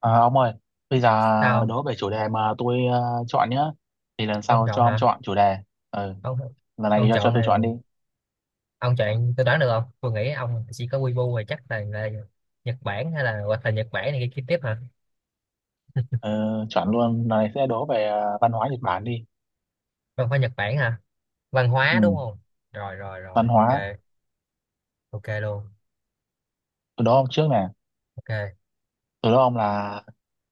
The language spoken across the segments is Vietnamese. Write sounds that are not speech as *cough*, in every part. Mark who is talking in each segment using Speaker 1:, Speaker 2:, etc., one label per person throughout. Speaker 1: À, ông ơi, bây giờ
Speaker 2: Sao?
Speaker 1: đố về chủ đề mà tôi chọn nhá. Thì lần
Speaker 2: Ông
Speaker 1: sau
Speaker 2: chọn
Speaker 1: cho ông
Speaker 2: hả?
Speaker 1: chọn chủ đề. Ừ,
Speaker 2: ông
Speaker 1: lần này
Speaker 2: ông
Speaker 1: cho
Speaker 2: chọn
Speaker 1: tôi
Speaker 2: này.
Speaker 1: chọn đi.
Speaker 2: Ông chọn tôi đoán được không? Tôi nghĩ ông chỉ có Weibo rồi, chắc là Nhật Bản hay là hoặc là Nhật Bản này kia tiếp hả?
Speaker 1: Ờ, Chọn luôn, lần này sẽ đố về văn hóa Nhật Bản đi.
Speaker 2: Không phải Nhật Bản hả? Văn
Speaker 1: Ừ,
Speaker 2: hóa đúng không? Rồi rồi rồi
Speaker 1: văn hóa.
Speaker 2: ok. Ok luôn.
Speaker 1: Tôi đố ông trước nè.
Speaker 2: Ok.
Speaker 1: Tôi đố ông là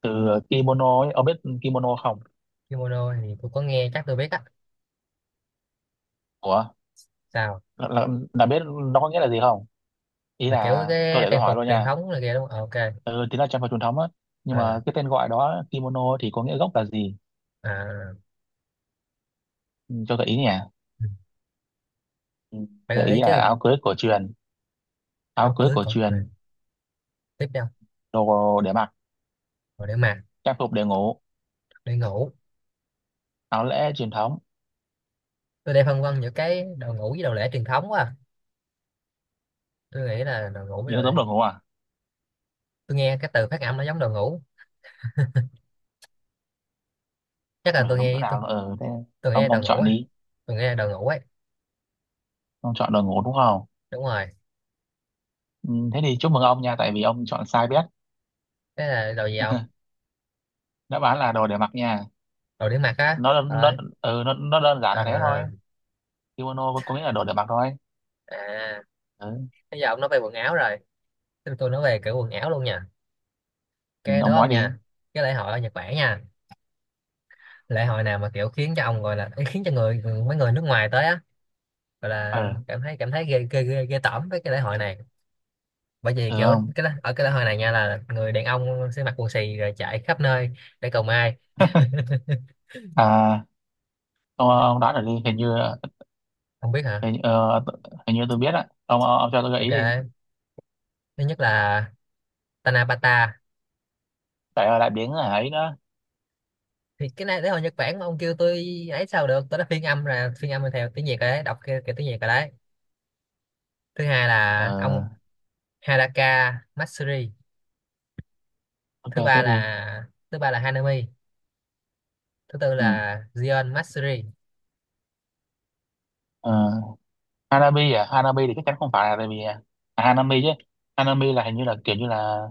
Speaker 1: từ kimono ấy. Ông biết kimono không?
Speaker 2: Kimono thì tôi có nghe, chắc tôi biết á.
Speaker 1: Ủa,
Speaker 2: Sao?
Speaker 1: là, là, là biết nó có nghĩa là gì không? Ý
Speaker 2: Là kiểu
Speaker 1: là, tôi
Speaker 2: cái
Speaker 1: để tôi
Speaker 2: trang
Speaker 1: hỏi
Speaker 2: phục
Speaker 1: luôn
Speaker 2: truyền
Speaker 1: nha.
Speaker 2: thống này kia đúng không? Ờ, ok.
Speaker 1: Ừ, thì nó trang phục truyền thống á. Nhưng
Speaker 2: Ờ,
Speaker 1: mà cái tên gọi đó, kimono thì có nghĩa gốc là gì?
Speaker 2: à,
Speaker 1: Ừ, cho gợi ý nhỉ?
Speaker 2: ừ.
Speaker 1: Ừ,
Speaker 2: Phải
Speaker 1: gợi
Speaker 2: gợi ý
Speaker 1: ý là
Speaker 2: chứ.
Speaker 1: áo cưới cổ truyền. Áo
Speaker 2: Áo
Speaker 1: cưới
Speaker 2: cưới
Speaker 1: cổ
Speaker 2: cổ
Speaker 1: truyền,
Speaker 2: truyền. Tiếp theo.
Speaker 1: đồ để mặc,
Speaker 2: Rồi để mặc.
Speaker 1: trang phục để ngủ,
Speaker 2: Để ngủ.
Speaker 1: áo lễ truyền thống.
Speaker 2: Tôi đang phân vân giữa cái đồ ngủ với đồ lễ truyền thống quá à. Tôi nghĩ là đồ ngủ với
Speaker 1: Nhìn
Speaker 2: đồ
Speaker 1: nó giống
Speaker 2: lễ.
Speaker 1: đồ ngủ à?
Speaker 2: Tôi nghe cái từ phát âm nó giống đồ ngủ. Chắc là
Speaker 1: Không hiểu
Speaker 2: tôi
Speaker 1: giống chỗ
Speaker 2: nghe tôi.
Speaker 1: nào nữa. Ừ, thế
Speaker 2: Tôi nghe đồ
Speaker 1: ông
Speaker 2: ngủ
Speaker 1: chọn
Speaker 2: á.
Speaker 1: đi.
Speaker 2: Tôi nghe đồ ngủ ấy.
Speaker 1: Ông chọn đồ ngủ đúng không?
Speaker 2: Đúng rồi.
Speaker 1: Ừ, thế thì chúc mừng ông nha, tại vì ông chọn sai bét.
Speaker 2: Thế là đồ gì không?
Speaker 1: *laughs* Đáp án là đồ để mặc nha.
Speaker 2: Đồ để mặc á?
Speaker 1: Nó,
Speaker 2: ờ
Speaker 1: ừ, nó đơn giản là thế thôi.
Speaker 2: à,
Speaker 1: Kimono có nghĩa là đồ để mặc thôi.
Speaker 2: à.
Speaker 1: Ừ.
Speaker 2: Bây giờ ông nói về quần áo rồi, tôi nói về kiểu quần áo luôn nha.
Speaker 1: Ừ,
Speaker 2: Cái đó
Speaker 1: ông nói
Speaker 2: ông
Speaker 1: đi.
Speaker 2: nha. Cái lễ hội ở Nhật Bản nha. Lễ hội nào mà kiểu khiến cho ông gọi là ý, khiến cho người, mấy người nước ngoài tới á, gọi là
Speaker 1: Ừ.
Speaker 2: cảm thấy ghê tởm với cái lễ hội này. Bởi vì
Speaker 1: Ừ.
Speaker 2: kiểu
Speaker 1: Không.
Speaker 2: cái ở cái lễ hội này nha là người đàn ông sẽ mặc quần xì rồi chạy khắp nơi để cầu may.
Speaker 1: *laughs* À, ông đoán được đi, hình như.
Speaker 2: Không biết hả?
Speaker 1: hình, như- ờ, Hình như tôi biết á. Ông cho tôi gợi ý đi.
Speaker 2: Ok. Thứ nhất là Tanabata.
Speaker 1: Tại lại biến ấy nữa.
Speaker 2: Thì cái này đấy hồi Nhật Bản mà ông kêu tôi ấy, sao được, tôi đã phiên âm là phiên âm theo tiếng Việt rồi đấy, đọc cái tiếng Việt rồi đấy. Thứ hai là ông,
Speaker 1: Ờ,
Speaker 2: Haraka Matsuri.
Speaker 1: ok tiếp đi.
Speaker 2: Thứ ba là Hanami. Thứ tư
Speaker 1: Ừ.
Speaker 2: là Gion Matsuri.
Speaker 1: Ờ, Hanabi. À, Hanabi thì chắc chắn không phải, là tại vì à, Hanami chứ. Hanami là hình như là kiểu như là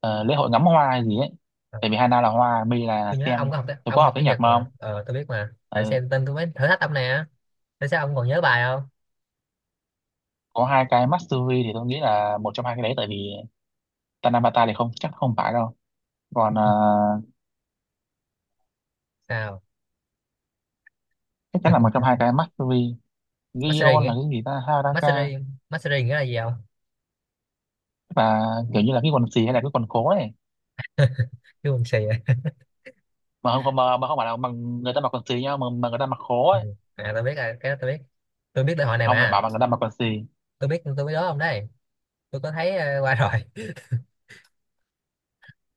Speaker 1: ờ, lễ hội ngắm hoa hay gì ấy.
Speaker 2: Ờ,
Speaker 1: Tại vì Hana là hoa, Mi là
Speaker 2: tôi nhớ ông
Speaker 1: xem.
Speaker 2: có học,
Speaker 1: Tôi có
Speaker 2: ông
Speaker 1: học
Speaker 2: học
Speaker 1: tiếng
Speaker 2: tiếng
Speaker 1: Nhật
Speaker 2: Nhật
Speaker 1: mà
Speaker 2: mà,
Speaker 1: không?
Speaker 2: tôi biết mà phải
Speaker 1: Ừ.
Speaker 2: xem tên tôi mới thử thách ông nè. Tại sao ông còn nhớ bài không?
Speaker 1: Có hai cái Matsuri thì tôi nghĩ là một trong hai cái đấy, tại vì Tanabata thì không, chắc không phải đâu. Còn ờ,
Speaker 2: Sao?
Speaker 1: chắc chắn là một trong hai cái Matsuri.
Speaker 2: Matsuri
Speaker 1: Gion là
Speaker 2: nghĩa,
Speaker 1: cái gì ta? Haraka.
Speaker 2: Matsuri, Matsuri nghĩa là gì không?
Speaker 1: Tức là kiểu như là cái quần xì hay là cái quần khố ấy.
Speaker 2: Kêu mình xì vậy? *laughs*
Speaker 1: Mà không phải là mà người ta mặc quần xì nhau, mà người ta mặc khố
Speaker 2: Ừ.
Speaker 1: ấy.
Speaker 2: À tôi biết rồi, cái đó tôi biết, tôi biết lễ hội này
Speaker 1: Ông lại bảo
Speaker 2: mà.
Speaker 1: mà người ta mặc quần xì.
Speaker 2: Tôi biết, tôi biết đó ông đấy. Tôi có thấy qua rồi.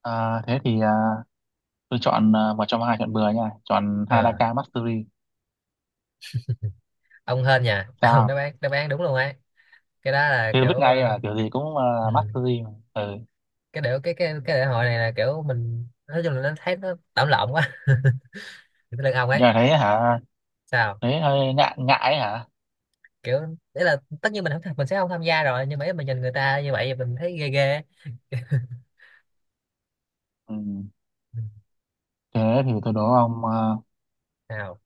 Speaker 1: Ờ, thế thì ờ, tôi chọn ờ, một trong hai, chọn bừa nha, chọn
Speaker 2: Ờ,
Speaker 1: Hadaka Mastery.
Speaker 2: ông hên nhà. *laughs* Ông, đáp
Speaker 1: Sao?
Speaker 2: án, đáp án đúng luôn ấy. Cái đó là
Speaker 1: Tôi biết
Speaker 2: kiểu
Speaker 1: ngay mà, kiểu gì cũng
Speaker 2: ừ.
Speaker 1: ờ, Mastery mà. Ừ.
Speaker 2: Cái điệu cái lễ hội này là kiểu mình, nói chung là nó thấy nó tạm lộn quá. *laughs* Thì cái lưng ông ấy.
Speaker 1: Nhưng mà thấy hả?
Speaker 2: Sao?
Speaker 1: Thấy hơi ngại ngại ấy hả?
Speaker 2: Kiểu, đấy là tất nhiên mình không, mình sẽ không tham gia rồi, nhưng mà mình nhìn người ta như vậy mình thấy ghê ghê.
Speaker 1: Ừ.
Speaker 2: Ừ.
Speaker 1: Thế thì tôi đố ông ờ,
Speaker 2: Nào?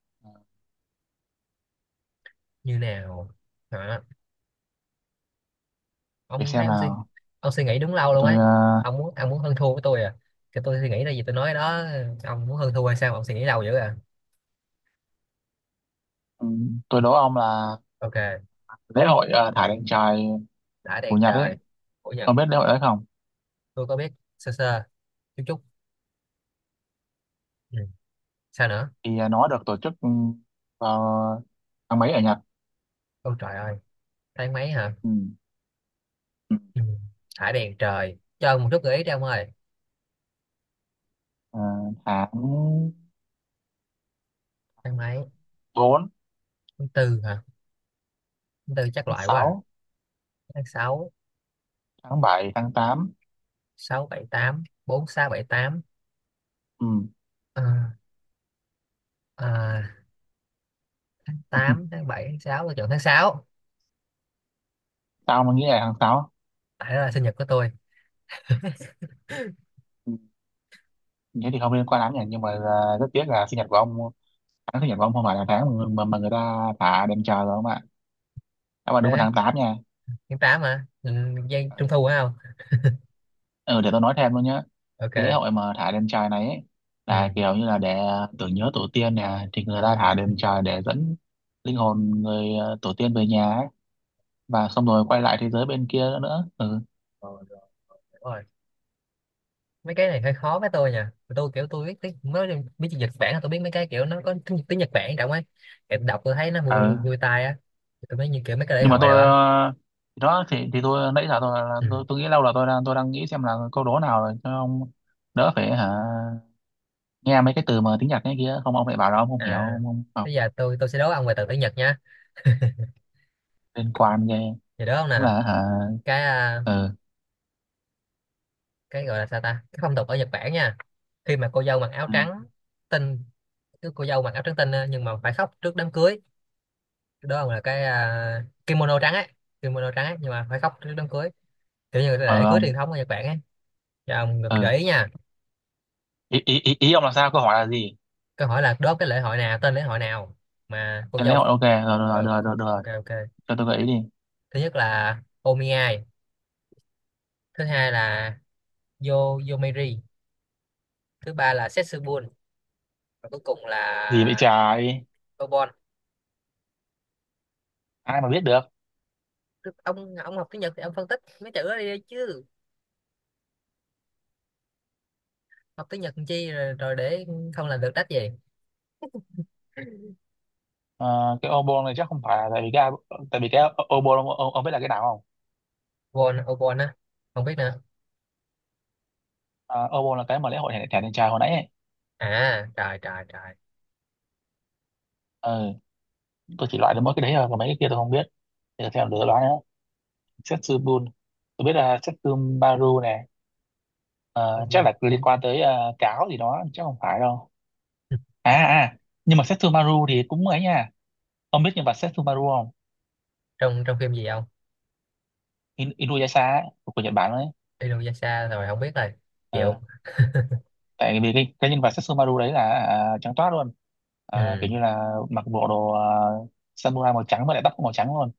Speaker 2: Như nào? Hả?
Speaker 1: để
Speaker 2: Ông thấy,
Speaker 1: xem
Speaker 2: ông suy,
Speaker 1: nào.
Speaker 2: ông suy nghĩ đúng lâu luôn
Speaker 1: tôi
Speaker 2: ấy.
Speaker 1: ờ,
Speaker 2: Ông muốn, ông muốn hơn thua với tôi à? Cái tôi suy nghĩ là gì tôi nói đó, ông muốn hơn thua hay sao mà ông suy nghĩ lâu dữ à?
Speaker 1: ừ, tôi đố ông là
Speaker 2: Ok.
Speaker 1: lễ hội ờ, thả đèn trời
Speaker 2: Đã
Speaker 1: của
Speaker 2: đèn
Speaker 1: Nhật ấy.
Speaker 2: trời của Nhật.
Speaker 1: Ông biết lễ hội đấy không?
Speaker 2: Tôi có biết, sơ sơ, chút chút. Ừ. Sao nữa?
Speaker 1: Thì ờ, nó được tổ chức ừ, vào tháng mấy ở Nhật?
Speaker 2: Ôi trời ơi. Tháng mấy hả?
Speaker 1: Ừ. Ừ.
Speaker 2: Ừ. Thả đèn trời, cho ông một chút gợi ý đi ông ơi.
Speaker 1: Ờ, tháng
Speaker 2: Tháng
Speaker 1: tháng
Speaker 2: mấy?
Speaker 1: 4,
Speaker 2: Tháng tư hả? Tháng tư chắc
Speaker 1: tháng
Speaker 2: loại quá à.
Speaker 1: sáu,
Speaker 2: Tháng sáu.
Speaker 1: tháng bảy, tháng tám.
Speaker 2: Sáu bảy tám, bốn sáu bảy tám.
Speaker 1: Ừ.
Speaker 2: Ờ, ờ, tám
Speaker 1: *laughs*
Speaker 2: tháng bảy tháng sáu, tôi chọn tháng sáu.
Speaker 1: Tao mà nghĩ là tháng 6.
Speaker 2: Tại đó là sinh nhật của tôi.
Speaker 1: Thế thì không liên quan lắm nhỉ, nhưng mà à, rất tiếc là sinh nhật của ông, tháng sinh nhật của ông không phải là tháng mà người ta thả đèn trời rồi không ạ. Các bạn đúng vào
Speaker 2: Thế,
Speaker 1: tháng 8 nha.
Speaker 2: tháng tám hả? Ừ, giây trung thu phải không?
Speaker 1: Ừ, để tôi nói thêm luôn nhé. Cái lễ
Speaker 2: Ok.
Speaker 1: hội mà thả đèn trời này ấy, là
Speaker 2: Ừ.
Speaker 1: kiểu như là để ờ, tưởng nhớ tổ tiên nè, thì người ta thả đèn trời để dẫn linh hồn người ờ, tổ tiên về nhà ấy, và xong rồi quay lại thế giới bên kia nữa nữa.
Speaker 2: Rồi, rồi, rồi. Mấy cái này hơi khó với tôi nha, tôi kiểu tôi biết tiếng, nói chung biết chữ Nhật Bản là tôi biết, mấy cái kiểu nó có tiếng Nhật Bản trọng ấy, kiểu đọc tôi thấy nó vui vui,
Speaker 1: Ừ.
Speaker 2: vui tai á. Tôi mới như kiểu mấy cái lễ
Speaker 1: Nhưng mà
Speaker 2: hội rồi
Speaker 1: tôi
Speaker 2: á.
Speaker 1: ờ, thì đó, thì tôi nãy giờ tôi là
Speaker 2: Ừ.
Speaker 1: tôi nghĩ lâu là tôi đang nghĩ xem là câu đố nào rồi cho ông đỡ phải hả, nghe mấy cái từ mà tiếng Nhật cái kia, không ông lại bảo là ông không hiểu,
Speaker 2: À
Speaker 1: ông không học.
Speaker 2: bây giờ tôi sẽ đố ông về từ tiếng Nhật nha.
Speaker 1: Liên quan ghê.
Speaker 2: Thì đố ông
Speaker 1: Cũng
Speaker 2: nè.
Speaker 1: là hả?
Speaker 2: cái à,
Speaker 1: Ừ.
Speaker 2: cái gọi là sao ta, cái phong tục ở Nhật Bản nha, khi mà cô dâu mặc áo
Speaker 1: Ừ.
Speaker 2: trắng tinh. Cứ cô dâu mặc áo trắng tinh á, nhưng mà phải khóc trước đám cưới. Cái đó ông là cái kimono trắng ấy, kimono trắng ấy, nhưng mà phải khóc trước đám cưới, kiểu như là
Speaker 1: Ừ,
Speaker 2: lễ cưới
Speaker 1: ông.
Speaker 2: truyền thống ở Nhật Bản ấy. Cho ông được
Speaker 1: Ừ.
Speaker 2: gợi ý nha.
Speaker 1: ý, ý ý ý ông là sao, câu hỏi là gì?
Speaker 2: Câu hỏi là đố cái lễ hội nào, tên lễ hội nào mà cô
Speaker 1: Cái lễ
Speaker 2: dâu.
Speaker 1: hội, ok rồi rồi rồi
Speaker 2: ờ, ok
Speaker 1: rồi.
Speaker 2: ok.
Speaker 1: Cho tôi gợi ý đi.
Speaker 2: Thứ nhất là Omiai. Thứ hai là Yo, Yomiri. Thứ ba là Setsubun. Và cuối cùng là
Speaker 1: Gì vậy trời?
Speaker 2: Obon.
Speaker 1: Ai mà biết được.
Speaker 2: Ông học tiếng Nhật thì ông phân tích mấy chữ đó đi chứ. Học tiếng Nhật làm chi rồi để không làm được đách gì.
Speaker 1: Ờ, cái obon này chắc không phải, là tại vì cái, tại vì cái obon, ông biết là cái nào không?
Speaker 2: Obon, Obon á, không biết nữa.
Speaker 1: Ờ, obo là cái mà lễ hội thẻ thẻ đàn trai hồi nãy ấy.
Speaker 2: À trời trời trời.
Speaker 1: Ừ, tôi chỉ loại được mỗi cái đấy thôi, còn mấy cái kia tôi không biết. Để xem được loại nữa. Setsubun, tôi biết là Setsumaru này. Ờ, chắc
Speaker 2: Setsubun.
Speaker 1: là liên quan tới ờ, cáo gì đó, chắc không phải đâu.
Speaker 2: *laughs*
Speaker 1: à à à, nhưng mà Setsumaru thì cũng ấy nha. Ông biết nhân vật Setsumaru không?
Speaker 2: Trong, trong phim gì không?
Speaker 1: In Inuyasha ấy, của Nhật Bản đấy.
Speaker 2: Inuyasha, rồi không biết rồi. Chịu.
Speaker 1: Ờ, tại vì cái nhân vật Setsumaru đấy là à, trắng toát luôn. À,
Speaker 2: Ừ.
Speaker 1: kiểu như là mặc bộ đồ à, samurai màu trắng, và lại tóc cũng màu trắng luôn.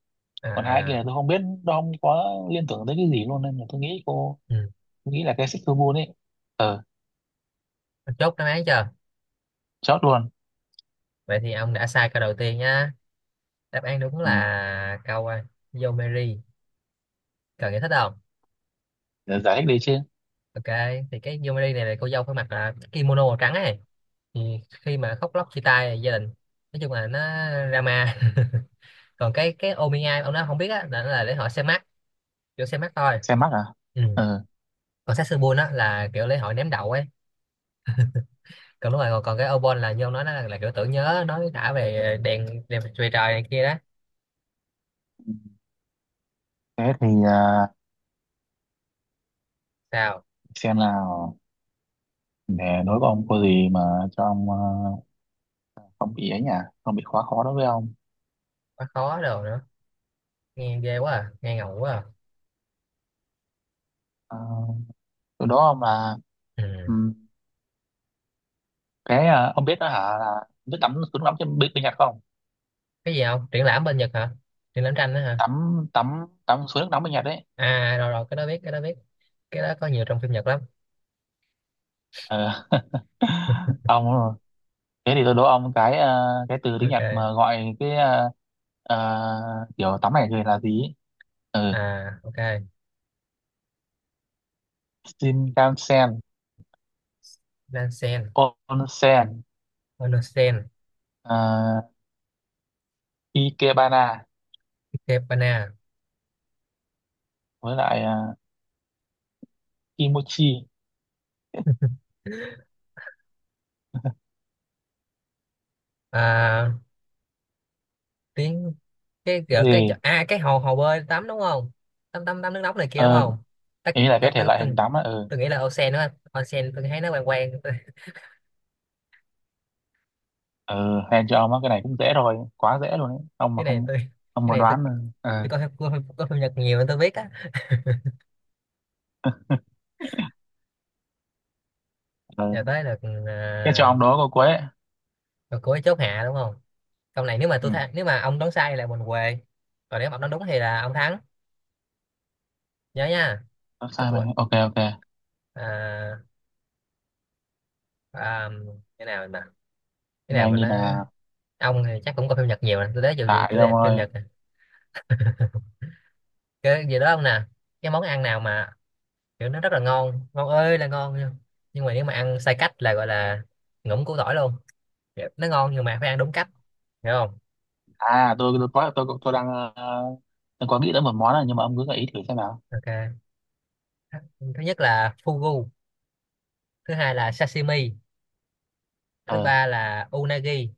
Speaker 1: Còn hai cái kia
Speaker 2: À.
Speaker 1: là tôi không biết, nó không có liên tưởng tới cái gì luôn, nên là tôi nghĩ cô,
Speaker 2: Ừ.
Speaker 1: tôi nghĩ là cái Setsumaru ấy. Ờ,
Speaker 2: Chốt đáp án chưa?
Speaker 1: chốt luôn.
Speaker 2: Vậy thì ông đã sai câu đầu tiên nhá. Đáp án đúng
Speaker 1: Ừ.
Speaker 2: là câu Yomeri. Cần giải thích không?
Speaker 1: Để giải thích đi chứ.
Speaker 2: Ok, thì cái Yomeri này là cô dâu phải mặc là kimono màu trắng ấy. Thì khi mà khóc lóc chia tay gia đình, nói chung là nó drama. *laughs* Còn cái Omiya ông nói không biết á, là nó là lễ hội xem mắt, kiểu xem mắt thôi.
Speaker 1: Xe mắc à?
Speaker 2: Ừ.
Speaker 1: Ừ.
Speaker 2: Còn Satsubun á là kiểu lễ hội ném đậu ấy. Còn đúng rồi, còn cái Obon là như ông nói, nó là kiểu tưởng nhớ, nói đã về đèn đèn về trời này kia đó.
Speaker 1: Thế thì à,
Speaker 2: Sao?
Speaker 1: xem nào, để đối với ông có gì mà cho ông à, không bị ấy nhỉ, không bị quá khó đối với ông.
Speaker 2: Quá khó đồ nữa. Nghe ghê quá à, nghe ngầu quá à.
Speaker 1: À, từ đó mà.
Speaker 2: Ừ.
Speaker 1: Ừ. Cái à, ông biết đó hả, là biết tắm suối nước nóng bên, bên Nhật không?
Speaker 2: Cái gì không, triển lãm bên Nhật hả? Triển lãm tranh đó hả?
Speaker 1: Tắm tắm tắm suối nước nóng bên Nhật đấy.
Speaker 2: À rồi rồi, cái đó biết, cái đó biết, cái đó có nhiều trong phim Nhật lắm.
Speaker 1: Ờ. *laughs* Ông, thế thì tôi đố ông cái à, cái từ tiếng Nhật
Speaker 2: Ok.
Speaker 1: mà gọi cái à, à, kiểu tắm này thì là gì? Ừ.
Speaker 2: À ok.
Speaker 1: Shinkansen,
Speaker 2: Nansen.
Speaker 1: Onsen,
Speaker 2: Onsen.
Speaker 1: à, Ikebana,
Speaker 2: Ikebana.
Speaker 1: với lại à, Kimochi.
Speaker 2: à, tiếng, cái
Speaker 1: Cái
Speaker 2: cái cái
Speaker 1: gì?
Speaker 2: à cái hồ, hồ bơi tắm đúng không? Tắm tắm tắm nước nóng này kia đúng
Speaker 1: Ờ,
Speaker 2: không? Tắc
Speaker 1: ý là cái thể loại hình tắm á. Ừ.
Speaker 2: tôi nghĩ là Onsen đó. Onsen tôi thấy nó quen quen. Tôi- *laughs*
Speaker 1: Ừ hèn cho ông á, cái này cũng dễ rồi, quá dễ luôn đấy. Ông
Speaker 2: cái
Speaker 1: mà
Speaker 2: này
Speaker 1: không,
Speaker 2: tôi,
Speaker 1: ông
Speaker 2: cái
Speaker 1: mà
Speaker 2: này tôi
Speaker 1: đoán ừ, ừ.
Speaker 2: tôi coi phim Nhật nhiều nên tôi biết á.
Speaker 1: *laughs*
Speaker 2: Giờ
Speaker 1: Ừ.
Speaker 2: tới được.
Speaker 1: Cái cho
Speaker 2: à,
Speaker 1: ông đó câu cuối ấy.
Speaker 2: cuối chốt hạ đúng không? Câu này nếu mà tôi
Speaker 1: Ừ.
Speaker 2: thắng, nếu mà ông đoán sai là mình què. Còn nếu mà ông đoán đúng thì là ông thắng. Nhớ nha.
Speaker 1: Không
Speaker 2: Kết
Speaker 1: sai
Speaker 2: quả.
Speaker 1: mình, ok ok.
Speaker 2: à, à, cái nào mà, cái nào
Speaker 1: Nhanh
Speaker 2: mà
Speaker 1: đi
Speaker 2: nó,
Speaker 1: nào.
Speaker 2: ông thì chắc cũng có phim Nhật nhiều nè, tôi thấy dù
Speaker 1: Tại đi
Speaker 2: chủ đề
Speaker 1: ông
Speaker 2: phim
Speaker 1: ơi.
Speaker 2: Nhật nè. Cái gì đó ông nè. Cái món ăn nào mà kiểu nó rất là ngon, ngon ơi là ngon, nhưng mà nếu mà ăn sai cách là gọi là ngủm củ tỏi luôn. Kiểu nó ngon nhưng mà phải ăn đúng cách, hiểu không?
Speaker 1: À tôi đang ờ, tôi có nghĩ tới một món này, nhưng mà ông cứ gợi ý thử xem nào.
Speaker 2: Ok. Thứ nhất là fugu. Thứ hai là sashimi. Thứ
Speaker 1: Ờ,
Speaker 2: ba là unagi.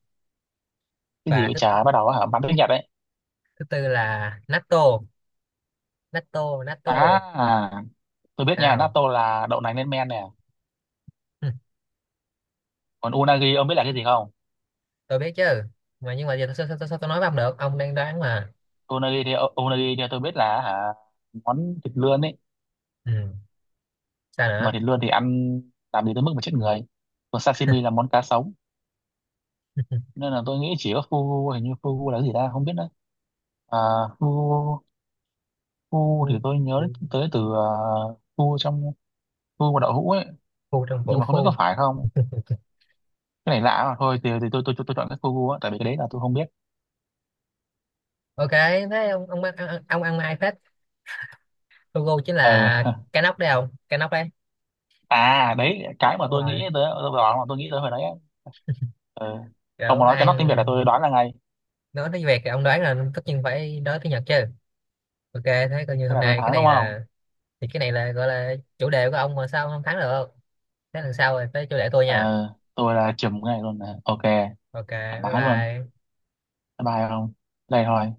Speaker 1: cái gì
Speaker 2: Và
Speaker 1: vậy
Speaker 2: thứ
Speaker 1: chả, bắt đầu á hả, bắn tiếng Nhật đấy.
Speaker 2: thứ tư là natto. Natto.
Speaker 1: À, tôi biết nha,
Speaker 2: Sao?
Speaker 1: natto là đậu nành lên men nè.
Speaker 2: Hừ,
Speaker 1: Còn unagi ông biết là cái gì không?
Speaker 2: *laughs* tôi biết chứ, mà nhưng mà giờ sao tôi nói với ông được, ông đang đoán mà.
Speaker 1: Unagi thì ờ, unagi thì tôi biết là hả, món thịt lươn ấy.
Speaker 2: Ừ. Sao
Speaker 1: Mà
Speaker 2: nữa?
Speaker 1: thịt lươn thì ăn làm gì tới mức mà chết người. Còn sashimi là món cá sống.
Speaker 2: *laughs*
Speaker 1: Nên là tôi nghĩ chỉ có fugu, hình như fugu là cái gì ta, không biết nữa. À, fugu, fugu
Speaker 2: Phu,
Speaker 1: thì tôi
Speaker 2: phu,
Speaker 1: nhớ tới từ fugu trong fugu và đậu hũ ấy.
Speaker 2: phu trong
Speaker 1: Nhưng
Speaker 2: vũ
Speaker 1: mà không biết có
Speaker 2: phu.
Speaker 1: phải không. Cái này lạ, mà thôi thì, tôi chọn cái fugu á, tại vì cái đấy là tôi không biết.
Speaker 2: Ok thế ông ăn mai phết. Logo chính là
Speaker 1: Ờ.
Speaker 2: cái nóc đấy không, cái nóc đấy.
Speaker 1: À đấy, cái mà
Speaker 2: Đúng
Speaker 1: tôi nghĩ
Speaker 2: rồi.
Speaker 1: tới, tôi đoán mà tôi nghĩ tới hồi đấy á. Ờ, ông
Speaker 2: Kiểu
Speaker 1: mà nói cái nóc tiếng Việt là tôi
Speaker 2: ăn.
Speaker 1: đoán là ngay.
Speaker 2: Nói tiếng Việt thì ông đoán là tất nhiên, phải nói tiếng Nhật chứ. Ok, thế coi như
Speaker 1: Thế
Speaker 2: hôm
Speaker 1: là tôi
Speaker 2: nay cái
Speaker 1: thắng đúng
Speaker 2: này
Speaker 1: không?
Speaker 2: là, thì cái này là gọi là chủ đề của ông mà sao ông không thắng được. Thế lần sau rồi tới chủ đề tôi
Speaker 1: Ờ,
Speaker 2: nha.
Speaker 1: tôi là chùm ngay luôn nè, ok.
Speaker 2: Ok.
Speaker 1: Thoải
Speaker 2: Bye
Speaker 1: mái luôn.
Speaker 2: bye.
Speaker 1: Bye bye. Không đây thôi.